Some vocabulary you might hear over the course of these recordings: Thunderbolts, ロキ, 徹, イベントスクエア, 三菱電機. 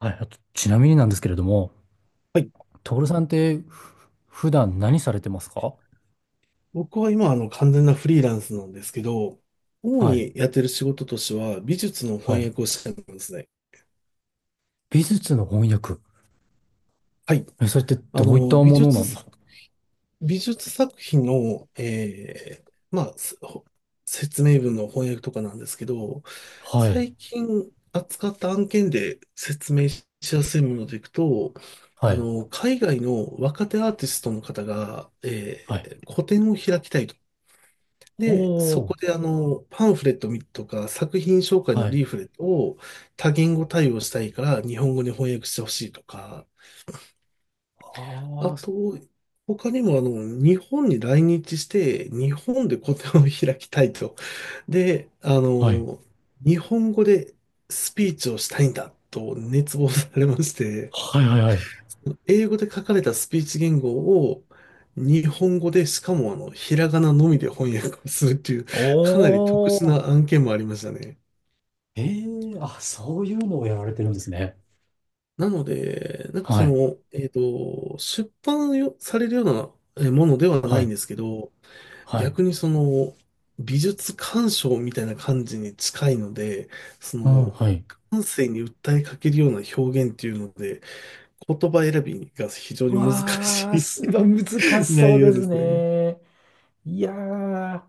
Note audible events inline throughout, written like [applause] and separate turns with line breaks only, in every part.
はい、あと、ちなみになんですけれども、
はい。
徹さんって普段何されてますか？
僕は今、完全なフリーランスなんですけど、主
はい、
にやってる仕事としては、美術の
は
翻
い。
訳をしてるんですね。
美術の翻訳。
はい。
え、それって
あ
どういった
の、美
もの
術
なんです
作、
か？
美術作品の、まあ、説明文の翻訳とかなんですけど、
はい、
最近扱った案件で説明しやすいものでいくと、
は
あ
い、
の、海外の若手アーティストの方が、
はい。
個展を開きたいと。
お
で、そ
ー、
こであの、パンフレットとか作品紹介
は
のリー
い。
フレットを多言語対応したいから日本語に翻訳してほしいとか、
は
あ
あ。
と、他にもあの、日本に来日して日本で個展を開きたいと。で、あ
はい、
の、日本語でスピーチをしたいんだと熱望されまして、
はい、はい、はい。
英語で書かれたスピーチ言語を日本語で、しかもあの、ひらがなのみで翻訳をするっていう、
お
[laughs] かなり特殊
ー、
な案件もありましたね。
あ、そういうのをやられてるんですね。
なので、なんか
は
そ
い、
の、出版よされるようなえものではな
は
いん
い、
ですけど、
はい。
逆にその、美術鑑賞みたいな感じに近いので、そ
うん、は
の、
い。
感性に訴えかけるような表現っていうので、言葉選びが非常
う
に難
わー、
し
す
い
ごい難
[laughs]
しそ
内
う
容
で
で
す
すね。
ね。いやー。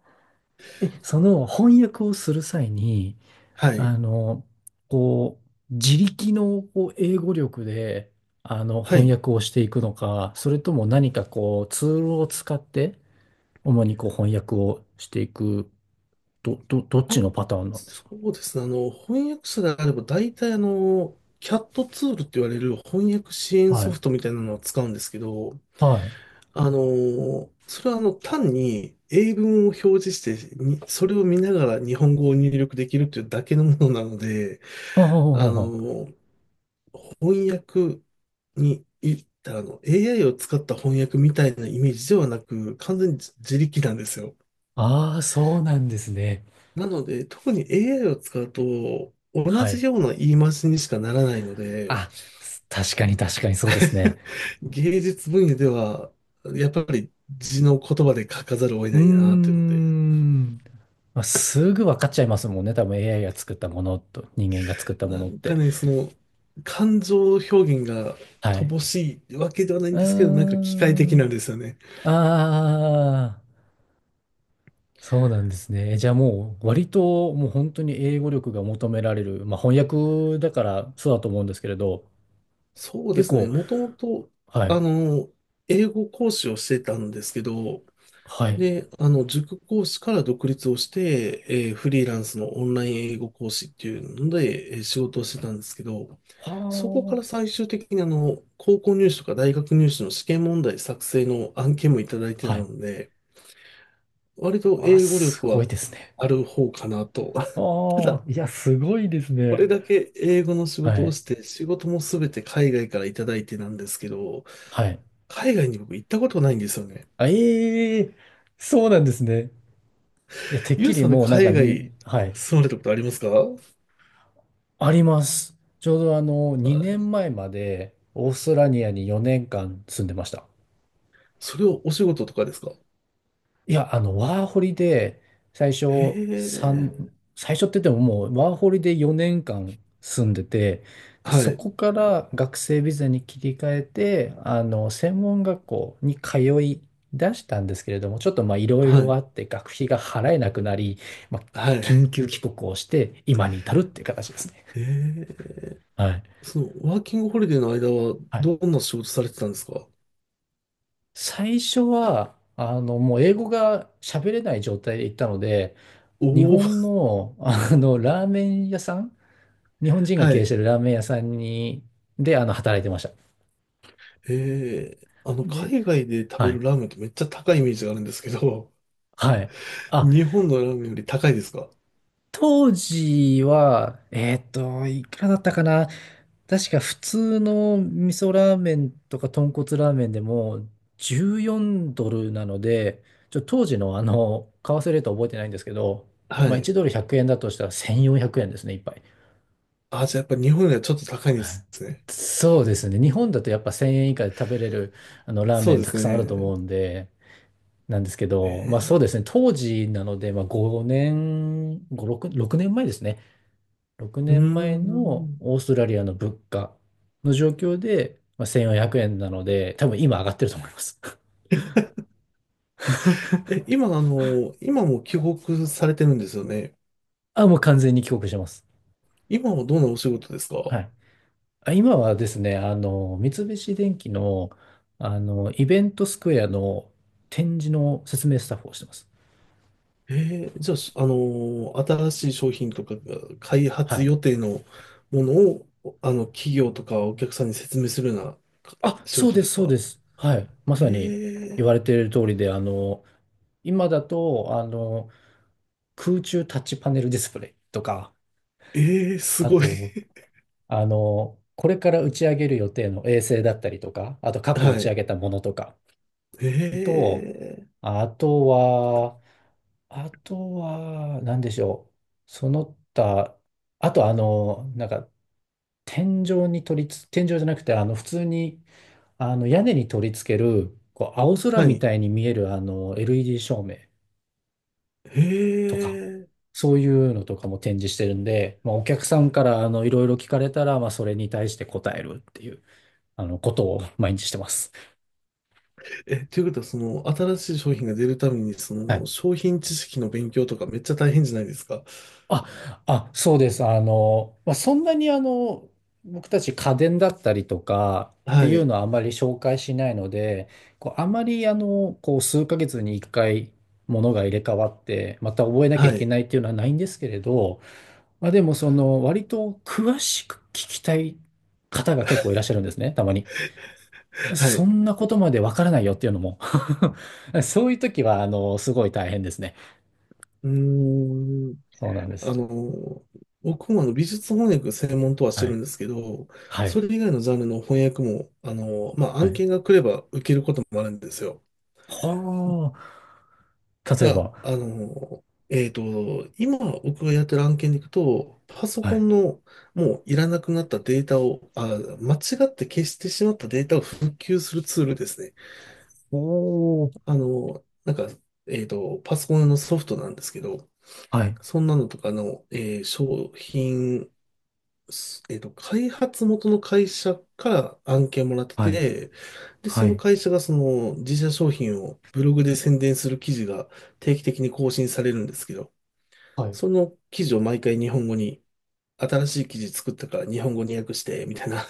え、その翻訳をする際に、
はい。
あの、こう、自力のこう英語力で、
は
翻
い。
訳をしていくのか、それとも何かこう、ツールを使って、主にこう、翻訳をしていく、どっちの
あ、
パターンなんです
そ
か？
うですね。あの、翻訳者であれば、大体あの、キャットツールって言われる翻訳支援
は
ソ
い。
フトみたいなのを使うんですけど、
はい。
あの、それはあの、単に英文を表示して、それを見ながら日本語を入力できるというだけのものなので、
ああ、
あ
あ
の、翻訳に、い、あの、AI を使った翻訳みたいなイメージではなく、完全に自力なんですよ。
あああそうなんですね。
なので、特に AI を使うと、同
はい。
じような言い回しにしかならないので、
あ、確かに確かにそうですね。
[laughs] 芸術分野では、やっぱり字の言葉で書かざるを得
うー
ないなというので、
ん。まあ、すぐ分かっちゃいますもんね。多分 AI が作ったものと人間が作ったも
な
のっ
んか
て。
ね、その、感情表現が
はい。
乏しいわけではない
う
ん
ー
ですけど、なんか機械的なん
ん。
ですよね。
ああ、そうなんですね。じゃあもう割ともう本当に英語力が求められる。まあ翻訳だからそうだと思うんですけれど、
そうで
結
すね、
構、
もともと、
は
あ
い。
の、英語講師をしてたんですけど、
はい。
で、あの、塾講師から独立をして、フリーランスのオンライン英語講師っていうので、仕事をしてたんですけど、
は
そこから最終的にあの、高校入試とか大学入試の試験問題作成の案件もいただいて
あ。
た
はい。
ので、割と
わあ、
英語
す
力
ご
は
いですね。
ある方かなと。[laughs] た
あ
だ、
あ、いや、すごいです
こ
ね。
れだけ英語の仕
は
事を
い。
して、仕事もすべて海外からいただいてなんですけど、
はい。
海外に僕行ったことないんですよね。
あええ、そうなんですね。いや、てっ
ゆ
き
う
り
さんで
もうなんか、
海
ん、
外
はい、
住まれたことありますか？
あります。ちょうど2年前までオーストラリアに4年間住んでました。
それをお仕事とかですか？
いや、ワーホリで最初
へ
三
え。
最初って言ってももうワーホリで4年間住んでて、で、
は
そ
い。
こから学生ビザに切り替えて、専門学校に通い出したんですけれども、ちょっとまあいろい
は
ろ
い。
あって学費が払えなくなり、まあ、
はい。
緊急帰国をして今に至るっていう形ですね。
へえ。
はい、
その、ワーキングホリデーの間は、
はい。
どんな仕事されてたんですか？
最初は、もう英語が喋れない状態で行ったので、日
おお
本
ー、
の、ラーメン屋さん、日本人が
は
経営し
い。
てるラーメン屋さんに、で、働いてました。
へえ。あの、
で、
海外で食べ
は
る
い。
ラーメンってめっちゃ高いイメージがあるんですけど、
はい。
[laughs]
あ、
日本のラーメンより高いですか？
当時は、いくらだったかな？確か普通の味噌ラーメンとか豚骨ラーメンでも14ドルなので、当時の為替レートは覚えてないんですけど、
は
まあ1
い。
ドル100円だとしたら1400円ですね、一杯。
あ、じゃあやっぱ日本よりはちょっと高いんで
は
す
い、
ね。
そうですね。日本だとやっぱ1000円以下で食べれるあのラー
そ
メ
う
ン
で
た
す
くさんあると
ね。
思うんで、なんですけど、まあそうで
え
すね。当時なので、まあ5年、5、6、6年前ですね。6
ー。うー
年前の
ん。
オーストラリアの物価の状況で、まあ、1400円なので、多分今上がってると思います。
え、今、あの、今も帰国されてるんですよね。
[laughs] あ、もう完全に帰国してます。
今はどんなお仕事ですか？
はい。あ、今はですね、三菱電機の、イベントスクエアの展示の説明スタッフをしてます。
えー、じゃあ、あのー新しい商品とかが開
は
発
い。
予定のものを、あの、企業とかお客さんに説明するようなか
あ、
仕
そう
事
で
で
す、
す
そう
か？
です。はい。まさに
え
言われている通りで、今だと、空中タッチパネルディスプレイとか、
ー、えー、す
あ
ごい。
と、これから打ち上げる予定の衛星だったりとか、あと過
[laughs]
去打
は
ち上
い。
げたものとか
え
と、
ー、
あとは、何でしょう。その他、あとなんか、天井に取りつ、天井じゃなくて、普通に、屋根に取り付ける、こう、青空
は
み
い。
たいに見える、LED 照明
え
とか、
ー、
そういうのとかも展示してるんで、まあ、お客さんから、いろいろ聞かれたら、まあ、それに対して答えるっていう。ことを毎日してます。
え、ということは、その、新しい商品が出るために、そ
は
の、
い。
商品知識の勉強とかめっちゃ大変じゃないですか。
あ、あ、そうです。まあ、そんなに僕たち家電だったりとかって
は
いう
い。
のはあまり紹介しないので、こう、あまりこう、数ヶ月に一回物が入れ替わって、また覚えなきゃい
は
け
い。
ないっていうのはないんですけれど、まあ、でもその、割と詳しく聞きたい方が結構いらっしゃるんですね、たまに。
は
そ
い。
んなことまでわからないよっていうのも [laughs] そういう時は、すごい大変ですね。
うーん。
そうなんで
あ
す。
の、僕もあの美術翻訳専門とはして
は
る
い、
んですけど、
はい。
それ以外のジャンルの翻訳も、あの、まあ、
は
案
い。
件が来れば受けることもあるんですよ。
はあ。
た
例え
だ、
ば、
あの、今僕がやってる案件でいくと、パソ
は
コ
い。
ンのもういらなくなったデータを、間違って消してしまったデータを復旧するツールですね。
おー。
あの、なんか、えっと、パソコンのソフトなんですけど、
はい。
そんなのとかの、商品すえっと、開発元の会社から案件もらって
はい。
て、で、
は
その
い。
会社がその自社商品をブログで宣伝する記事が定期的に更新されるんですけど、
はい。
その記事を毎回日本語に、新しい記事作ったから日本語に訳して、みたいな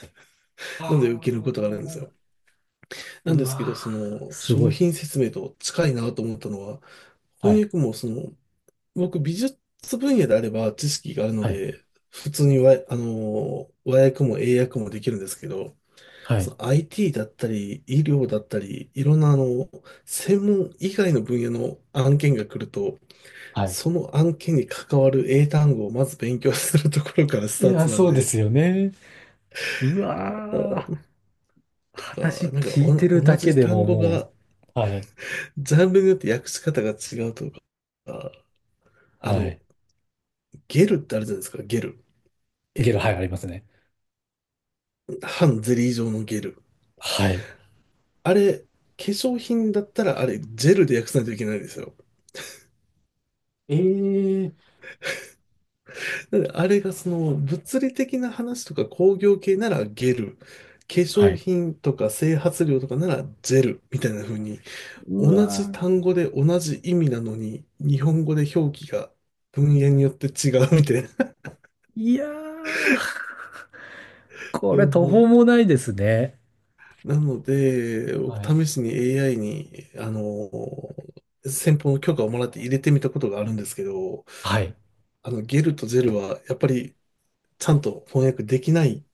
[laughs] ので受ける
あ
ことがあるんです
あ。
よ。なん
う
ですけど、
わ
そ
ー。
の
すご
商
い。
品説明と近いなと思ったのは、
は
翻
い。
訳もその、僕美術分野であれば知識があるの
はい。
で、普通にわ、あの、和訳も英訳もできるんですけど、
は
そ
い。
の IT だったり、医療だったり、いろんなあの、専門以外の分野の案件が来ると、
はい。
その案件に関わる英単語をまず勉強するところからス
い
ター
やー、
トなん
そうで
で、
すよね。うわー。
あ
話
ー、なんか
聞
な
い
ん
て
か
る
お
だ
同
け
じ
で
単
も
語
も
が、
う、はい。
ジャンルによって訳し方が違うとか、ああ
は
の、
い。
ゲルってあるじゃないですか、ゲル。えっ
ゲロ、はい、
と、
ありますね。
半ゼリー状のゲル。
はい。
あれ、化粧品だったらあれ、ジェルで訳さないといけないんですよ。
ええ、
だからあれがその物理的な話とか工業系ならゲル、化
は
粧
い。
品とか整髪料とかならジェルみたいな風に
う
同じ
わ
単語で同じ意味なのに日本語で表記が文言によって違うみたいな。
ー。いやー。
[laughs]
こ
う
れ途方
ん、
もないですね。
なので、
はい。
僕試しに AI に、あの、先方の許可をもらって入れてみたことがあるんですけど、
はい。
あの、ゲルとジェルはやっぱりちゃんと翻訳できない、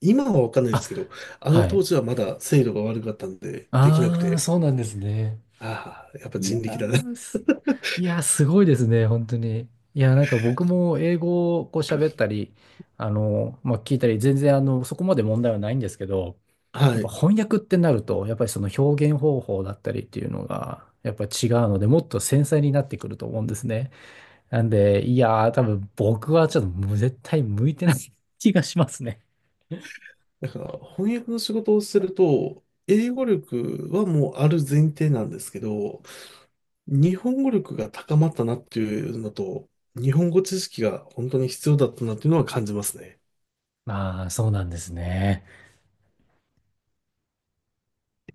今はわかんないで
あ、
すけど、あの
は
当
い。
時はまだ精度が悪かったんで、できなく
ああ、
て、
そうなんですね。
ああ、やっぱ
いや
人力だね。
ー、いやー、すごいですね、本当に。いやー、なんか僕も英語をこう喋ったり、まあ、聞いたり、全然そこまで問題はないんですけど、
[laughs]
や
は
っぱ
い。
翻訳ってなると、やっぱりその表現方法だったりっていうのが、やっぱ違うので、もっと繊細になってくると思うんですね。なんで、いやー、多分僕はちょっともう絶対向いてない気がしますね。
だから、翻訳の仕事をすると、英語力はもうある前提なんですけど、日本語力が高まったなっていうのと、日本語知識が本当に必要だったなっていうのは感じますね。
ああ、そうなんですね。